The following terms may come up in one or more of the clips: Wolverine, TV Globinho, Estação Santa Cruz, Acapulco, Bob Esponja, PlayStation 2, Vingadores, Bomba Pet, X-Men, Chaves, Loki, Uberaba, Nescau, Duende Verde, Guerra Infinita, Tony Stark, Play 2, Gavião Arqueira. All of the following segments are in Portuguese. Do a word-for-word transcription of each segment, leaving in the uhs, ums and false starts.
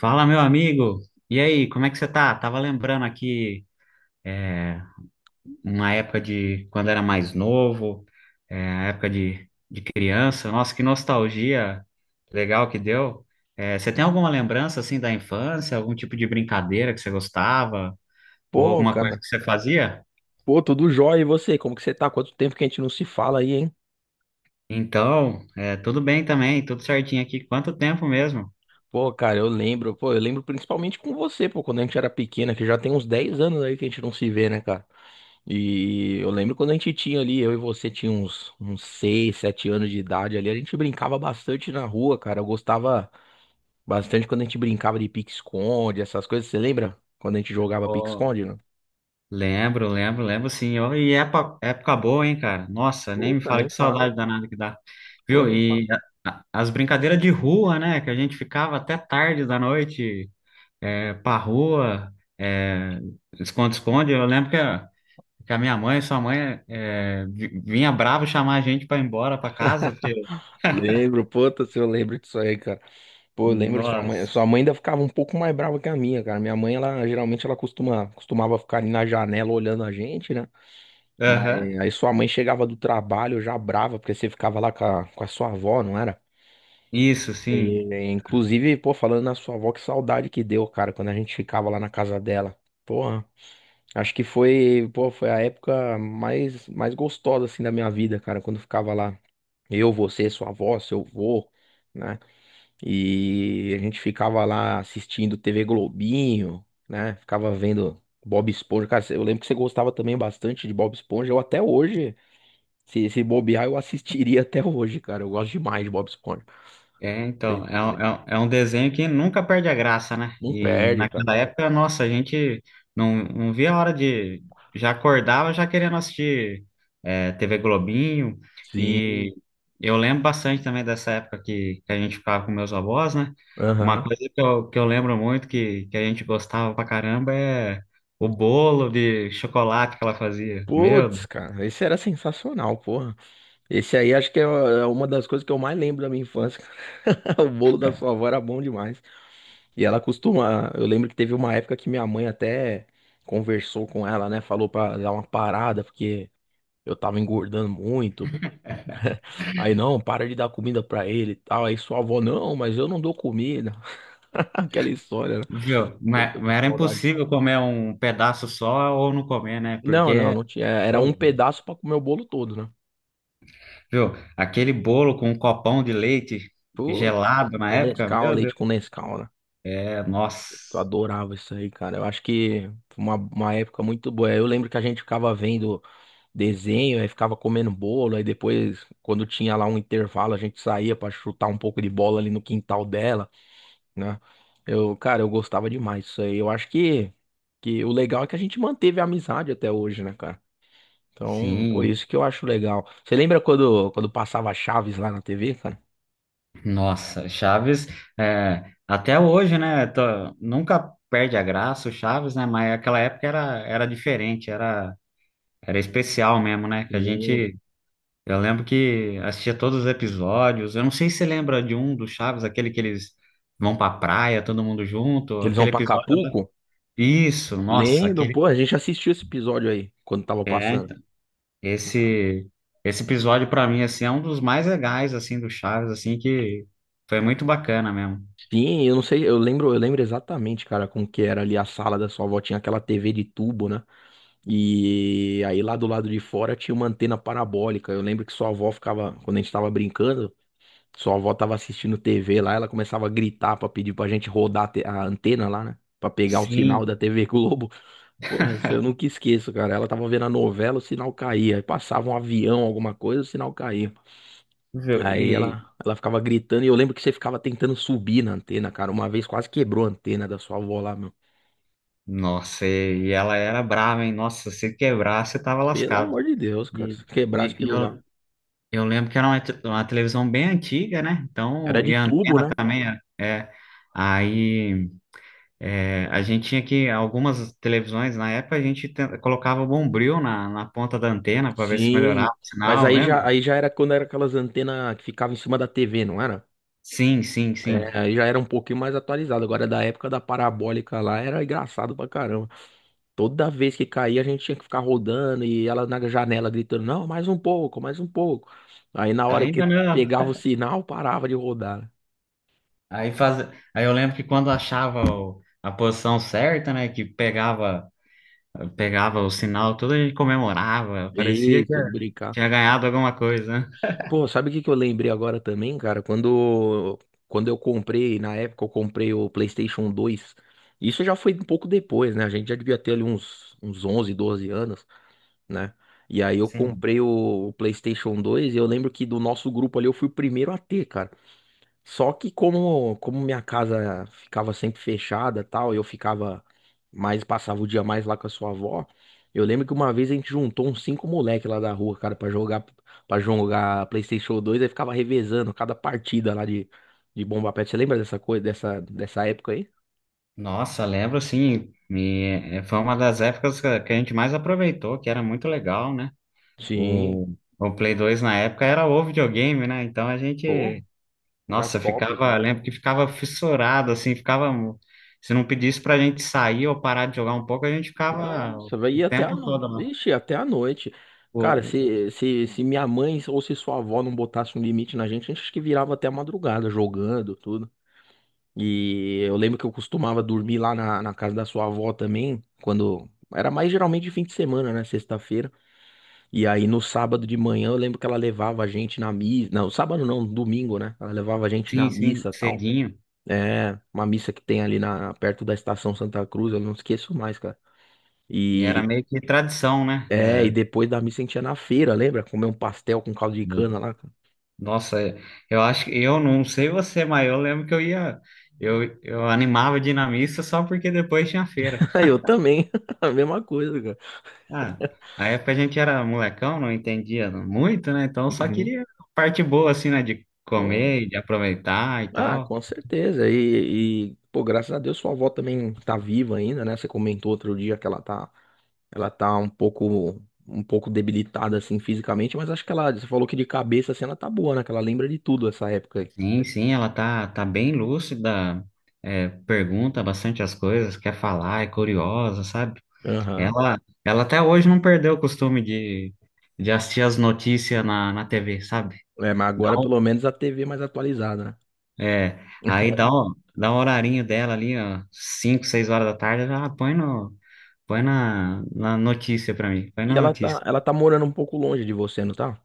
Fala, meu amigo. E aí, como é que você tá? Tava lembrando aqui uma época de quando era mais novo, é, a época de, de criança. Nossa, que nostalgia legal que deu. É, você tem alguma lembrança assim da infância, algum tipo de brincadeira que você gostava, ou Pô, alguma coisa cara. que você fazia? Pô, tudo jóia. E você? Como que você tá? Quanto tempo que a gente não se fala aí, hein? Então, é, tudo bem também, tudo certinho aqui. Quanto tempo mesmo? Pô, cara, eu lembro. Pô, eu lembro principalmente com você, pô, quando a gente era pequena, que já tem uns dez anos aí que a gente não se vê, né, cara? E eu lembro quando a gente tinha ali, eu e você tinha uns, uns seis, sete anos de idade ali, a gente brincava bastante na rua, cara. Eu gostava bastante quando a gente brincava de pique-esconde, essas coisas. Você lembra? Quando a gente jogava Ô, pique-esconde, né? lembro, lembro, lembro, sim. Ó, e época, época boa, hein, cara? Nossa, nem me Puta, fala, nem que fala. saudade danada que dá. Pô, Viu? nem fala. E a- a- as brincadeiras de rua, né? Que a gente ficava até tarde da noite, é, pra rua, é, esconde-esconde. Eu lembro que a, que a minha mãe, sua mãe, é, vi- vinha brava chamar a gente pra ir embora pra casa, porque. Lembro, puta, se eu lembro disso aí, cara. Pô, eu lembro, sua mãe, sua Nossa. mãe ainda ficava um pouco mais brava que a minha, cara. Minha mãe, ela geralmente ela costuma, costumava ficar ali na janela olhando a gente, né? Aham. Mas aí sua mãe chegava do trabalho já brava, porque você ficava lá com a, com a sua avó, não era? Isso, sim. E, inclusive, pô, falando na sua avó, que saudade que deu, cara, quando a gente ficava lá na casa dela. Porra, acho que foi, pô, foi a época mais, mais gostosa, assim, da minha vida, cara, quando eu ficava lá. Eu, você, sua avó, seu avô, né? E a gente ficava lá assistindo T V Globinho, né? Ficava vendo Bob Esponja. Cara, eu lembro que você gostava também bastante de Bob Esponja. Eu até hoje, se, se bobear, eu assistiria até hoje, cara. Eu gosto demais de Bob Esponja. É, então, é, um- é, um é um desenho que nunca perde a graça, né? Não E perde, cara. naquela época, nossa, a gente não, não via a hora de. Já acordava já querendo assistir, é, T V Globinho. Sim. E eu lembro bastante também dessa época que, que a gente ficava com meus avós, né? Uma Aham. coisa que eu, que eu lembro muito, que, que a gente gostava pra caramba, é o bolo de chocolate que ela fazia. Meu Deus, Putz, cara, esse era sensacional, porra. Esse aí acho que é é uma das coisas que eu mais lembro da minha infância. Cara. O bolo da sua avó era bom demais. E ela costuma. Eu lembro que teve uma época que minha mãe até conversou com ela, né? Falou pra dar uma parada, porque eu tava engordando muito. Aí, não, para de dar comida pra ele e tal. Aí sua avó, não, mas eu não dou comida. Aquela história, né? viu? Puta Mas, que mas era saudade. impossível comer um pedaço só ou não comer, né? Não, não, Porque. não tinha. Era um pedaço pra comer o bolo todo, né? Viu? Aquele bolo com um copão de leite Putz, gelado na com época, Nescau, meu leite Deus. com Nescau, né? É, nossa, Eu adorava isso aí, cara. Eu acho que foi uma, uma época muito boa. Eu lembro que a gente ficava vendo desenho, aí ficava comendo bolo, aí depois, quando tinha lá um intervalo, a gente saía pra chutar um pouco de bola ali no quintal dela, né? Eu, cara, eu gostava demais disso aí. Eu acho que, que o legal é que a gente manteve a amizade até hoje, né, cara? Então, por sim, isso que eu acho legal. Você lembra quando, quando passava Chaves lá na T V, cara? nossa. Chaves, é, até hoje, né? Tô- nunca perde a graça o Chaves, né? Mas aquela época era, era diferente, era, era especial mesmo, né? Que a Sim. gente. Eu lembro que assistia todos os episódios. Eu não sei se você lembra de um do Chaves, aquele que eles vão pra praia, todo mundo junto, Que eles vão aquele pra episódio lá. Acapulco? Isso, nossa, Lembram, aquele. pô, a gente assistiu esse episódio aí, quando tava É. passando. Esse esse episódio pra mim, assim, é um dos mais legais assim do Chaves, assim que foi muito bacana mesmo. Sim, eu não sei, eu lembro, eu lembro exatamente, cara, como que era ali a sala da sua avó, tinha aquela T V de tubo, né? E aí lá do lado de fora tinha uma antena parabólica. Eu lembro que sua avó ficava, quando a gente tava brincando, sua avó tava assistindo T V lá, ela começava a gritar pra pedir pra gente rodar a te- a antena lá, né? Pra pegar o Sim, sinal da T V Globo. Porra, isso eu nunca esqueço, cara. Ela tava vendo a novela, o sinal caía. Aí passava um avião, alguma coisa, o sinal caía. viu? Aí E ela, ela ficava gritando e eu lembro que você ficava tentando subir na antena, cara. Uma vez quase quebrou a antena da sua avó lá, meu. nossa, e, e ela era brava, hein? Nossa, se quebrar, você tava Pelo lascado. amor de Deus, cara. E, Se quebrasse e- e aquilo lá. eu, eu lembro que era uma, te- uma televisão bem antiga, né? Era Então, de e a tubo, antena né? também, é. é. aí, é, a gente tinha que, algumas televisões na época a gente ten- colocava bombril na, na ponta da antena para ver se Sim, melhorava o mas sinal, aí lembra? já, aí já era quando era aquelas antenas que ficavam em cima da T V, não era? Sim, sim, É, sim. aí já era um pouquinho mais atualizado. Agora, da época da parabólica lá, era engraçado pra caramba. Toda vez que caía, a gente tinha que ficar rodando e ela na janela gritando: Não, mais um pouco, mais um pouco. Aí, na hora Ainda que não. pegava o sinal, parava de rodar, né? Aí, faz... aí eu lembro que quando achava o- a posição certa, né, que pegava, pegava, o sinal, tudo, a gente comemorava, parecia que Isso, de brincar. tinha ganhado alguma coisa, né? Pô, sabe o que que eu lembrei agora também, cara? Quando, quando eu comprei, na época eu comprei o PlayStation dois. Isso já foi um pouco depois, né? A gente já devia ter ali uns, uns onze, doze anos, né? E aí eu Sim. comprei o, o PlayStation dois e eu lembro que do nosso grupo ali eu fui o primeiro a ter, cara. Só que como, como minha casa ficava sempre fechada, tal, eu ficava mais passava o dia mais lá com a sua avó. Eu lembro que uma vez a gente juntou uns cinco moleque lá da rua, cara, pra jogar para jogar PlayStation dois, aí ficava revezando cada partida lá de de Bomba Pet. Você lembra dessa coisa, dessa dessa época aí? Nossa, lembro, sim, e, eh, foi uma das épocas que a que a gente mais aproveitou, que era muito legal, né? Sim, O, o Play dois na época era o videogame, né? Então a pô, gente. era Nossa, eu top. ficava, eu lembro que ficava fissurado, assim, ficava. Se não pedisse pra gente sair ou parar de jogar um pouco, a gente ficava Nossa, vai ir o até a tempo todo noite. lá. Ixi, até a noite. O, Cara, o- o- se, se, se minha mãe ou se sua avó não botasse um limite na gente, a gente acho que virava até a madrugada jogando, tudo. E eu lembro que eu costumava dormir lá na, na casa da sua avó também, quando. Era mais geralmente de fim de semana, né? Sexta-feira. E aí no sábado de manhã eu lembro que ela levava a gente na missa. Não, sábado não, domingo, né? Ela levava a gente na sim, sim, missa e tal. cedinho. É, uma missa que tem ali na, perto da Estação Santa Cruz, eu não esqueço mais, cara. E era E meio que tradição, né? É, É. e depois da missa a gente ia na feira, lembra? Comer um pastel com caldo de cana lá. Nossa, eu acho que, eu não sei você, mas eu lembro que eu ia, eu, eu animava de ir na missa só porque depois tinha feira. Cara. Eu também, a mesma coisa, cara. Ah, na época a gente era molecão, não entendia muito, né? Então só Uhum. queria a parte boa, assim, né? De Pô, comer, e de aproveitar e ah, tal. com certeza. E, e, pô, graças a Deus sua avó também tá viva ainda, né? Você comentou outro dia que ela tá, ela tá um pouco, um pouco debilitada assim fisicamente, mas acho que ela, você falou que de cabeça assim ela tá boa, né? Que ela lembra de tudo essa época aí. Sim, sim, ela tá, tá bem lúcida, é, pergunta bastante as coisas, quer falar, é curiosa, sabe? Aham. Ela, ela até hoje não perdeu o costume de, de assistir as notícias na, na T V, sabe? É, mas Dá agora pelo um- menos a T V é mais atualizada, né? é, aí dá, um- dá um horarinho dela ali, ó, cinco, seis horas da tarde, ela põe, no, põe na, na notícia pra mim, põe E na ela notícia. tá, ela tá morando um pouco longe de você, não tá?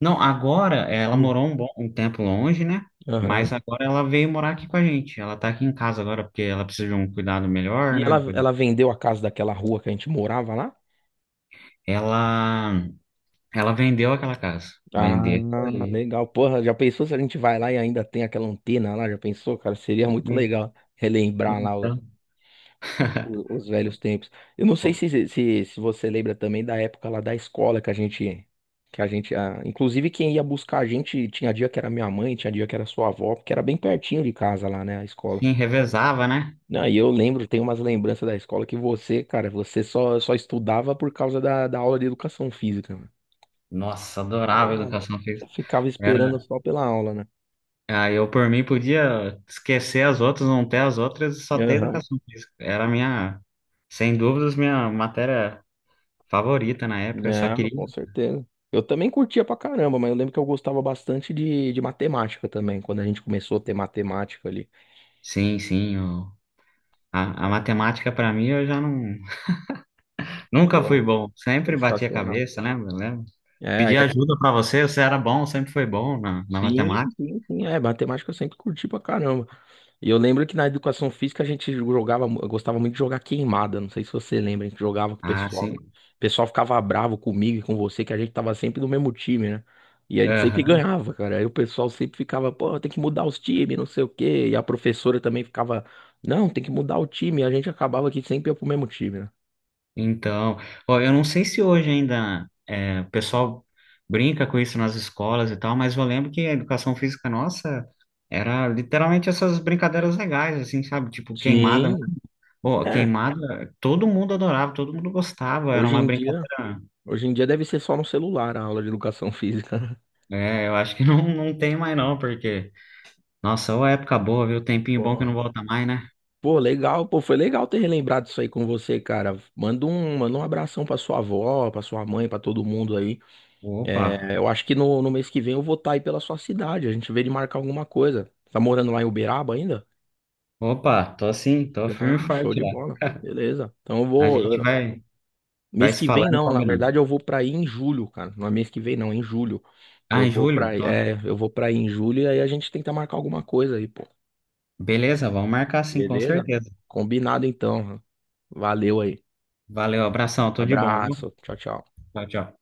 Não, agora eh, ela Hum. morou um bom um tempo longe, né? Aham. Mas agora ela veio morar aqui com a gente. Ela tá aqui em casa agora porque ela precisa de um cuidado melhor, E né? ela, Um cuidado. ela vendeu a casa daquela rua que a gente morava lá? Ela ela vendeu aquela casa. Ah, Vendeu. E legal. Porra, já pensou se a gente vai lá e ainda tem aquela antena lá? Já pensou, cara? Seria muito legal relembrar lá o- então, o- os velhos tempos. Eu não sei se, se, se você lembra também da época lá da escola que a gente, que a gente, ah, inclusive quem ia buscar a gente, tinha dia que era minha mãe, tinha dia que era sua avó, porque era bem pertinho de casa lá, né, a escola. sim, revezava, né? Não, e eu lembro, tem umas lembranças da escola que você, cara, você só, só estudava por causa da, da aula de educação física. Nossa, adorava a Pô, educação já física. ficava esperando Era, só pela aula, né? ah, eu, por mim, podia esquecer as outras, não ter as outras e só ter Aham. educação física. Era a minha, sem dúvidas, minha matéria favorita na época. Eu só Não, queria com certeza. Eu também curtia pra caramba, mas eu lembro que eu gostava bastante de, de matemática também, quando a gente começou a ter matemática ali. Sim, sim. eu- A, a matemática, para mim, eu já não, nunca Pô, fui bom. Sempre bati a sensacional. cabeça, lembra? Lembra? É, Pedi é, ajuda para você, você era bom, sempre foi bom na, na sim, matemática. sim, sim, é, matemática eu sempre curti pra caramba. E eu lembro que na educação física a gente jogava, mu- eu gostava muito de jogar queimada. Não sei se você lembra, a gente jogava com o Ah, pessoal. sim. O pessoal ficava bravo comigo e com você, que a gente tava sempre do mesmo time, né? E a gente sempre Aham. ganhava, cara. Aí o pessoal sempre ficava, pô, tem que mudar os times, não sei o quê. E a professora também ficava, não, tem que mudar o time. E a gente acabava que sempre ia pro mesmo time, né? Então, ó, eu não sei se hoje ainda é, o pessoal brinca com isso nas escolas e tal, mas eu lembro que a educação física nossa era literalmente essas brincadeiras legais, assim, sabe? Tipo queimada. Sim, Pô, né? queimada, todo mundo adorava, todo mundo gostava. Era hoje uma em dia, brincadeira. Hoje em dia deve ser só no celular a aula de educação física. É, eu acho que não, não tem mais não, porque. Nossa, ô, época boa, viu? Tempinho bom que Pô. não volta mais, né? Pô, legal, pô, foi legal ter relembrado isso aí com você, cara. Manda um, manda um abração pra sua avó, pra sua mãe, pra todo mundo aí. Opa, É, eu acho que no, no mês que vem eu vou estar aí pela sua cidade. A gente vê de marcar alguma coisa. Tá morando lá em Uberaba ainda? opa, tô assim, tô firme e Ah, show forte de lá. bola. Beleza. Então eu A gente vou. vai, vai Mês se que vem falando e não, na combinando. verdade eu vou pra aí em julho, cara. Não é mês que vem não, é em julho. Eu Ah, vou pra Júlio, aí, top. é, eu vou pra aí em julho e aí a gente tenta marcar alguma coisa aí, pô. Beleza, vamos marcar, sim, com Beleza? certeza. Combinado então. Valeu aí. Valeu, abração, tudo de bom, viu? Abraço. Tchau, tchau. Tchau, tchau.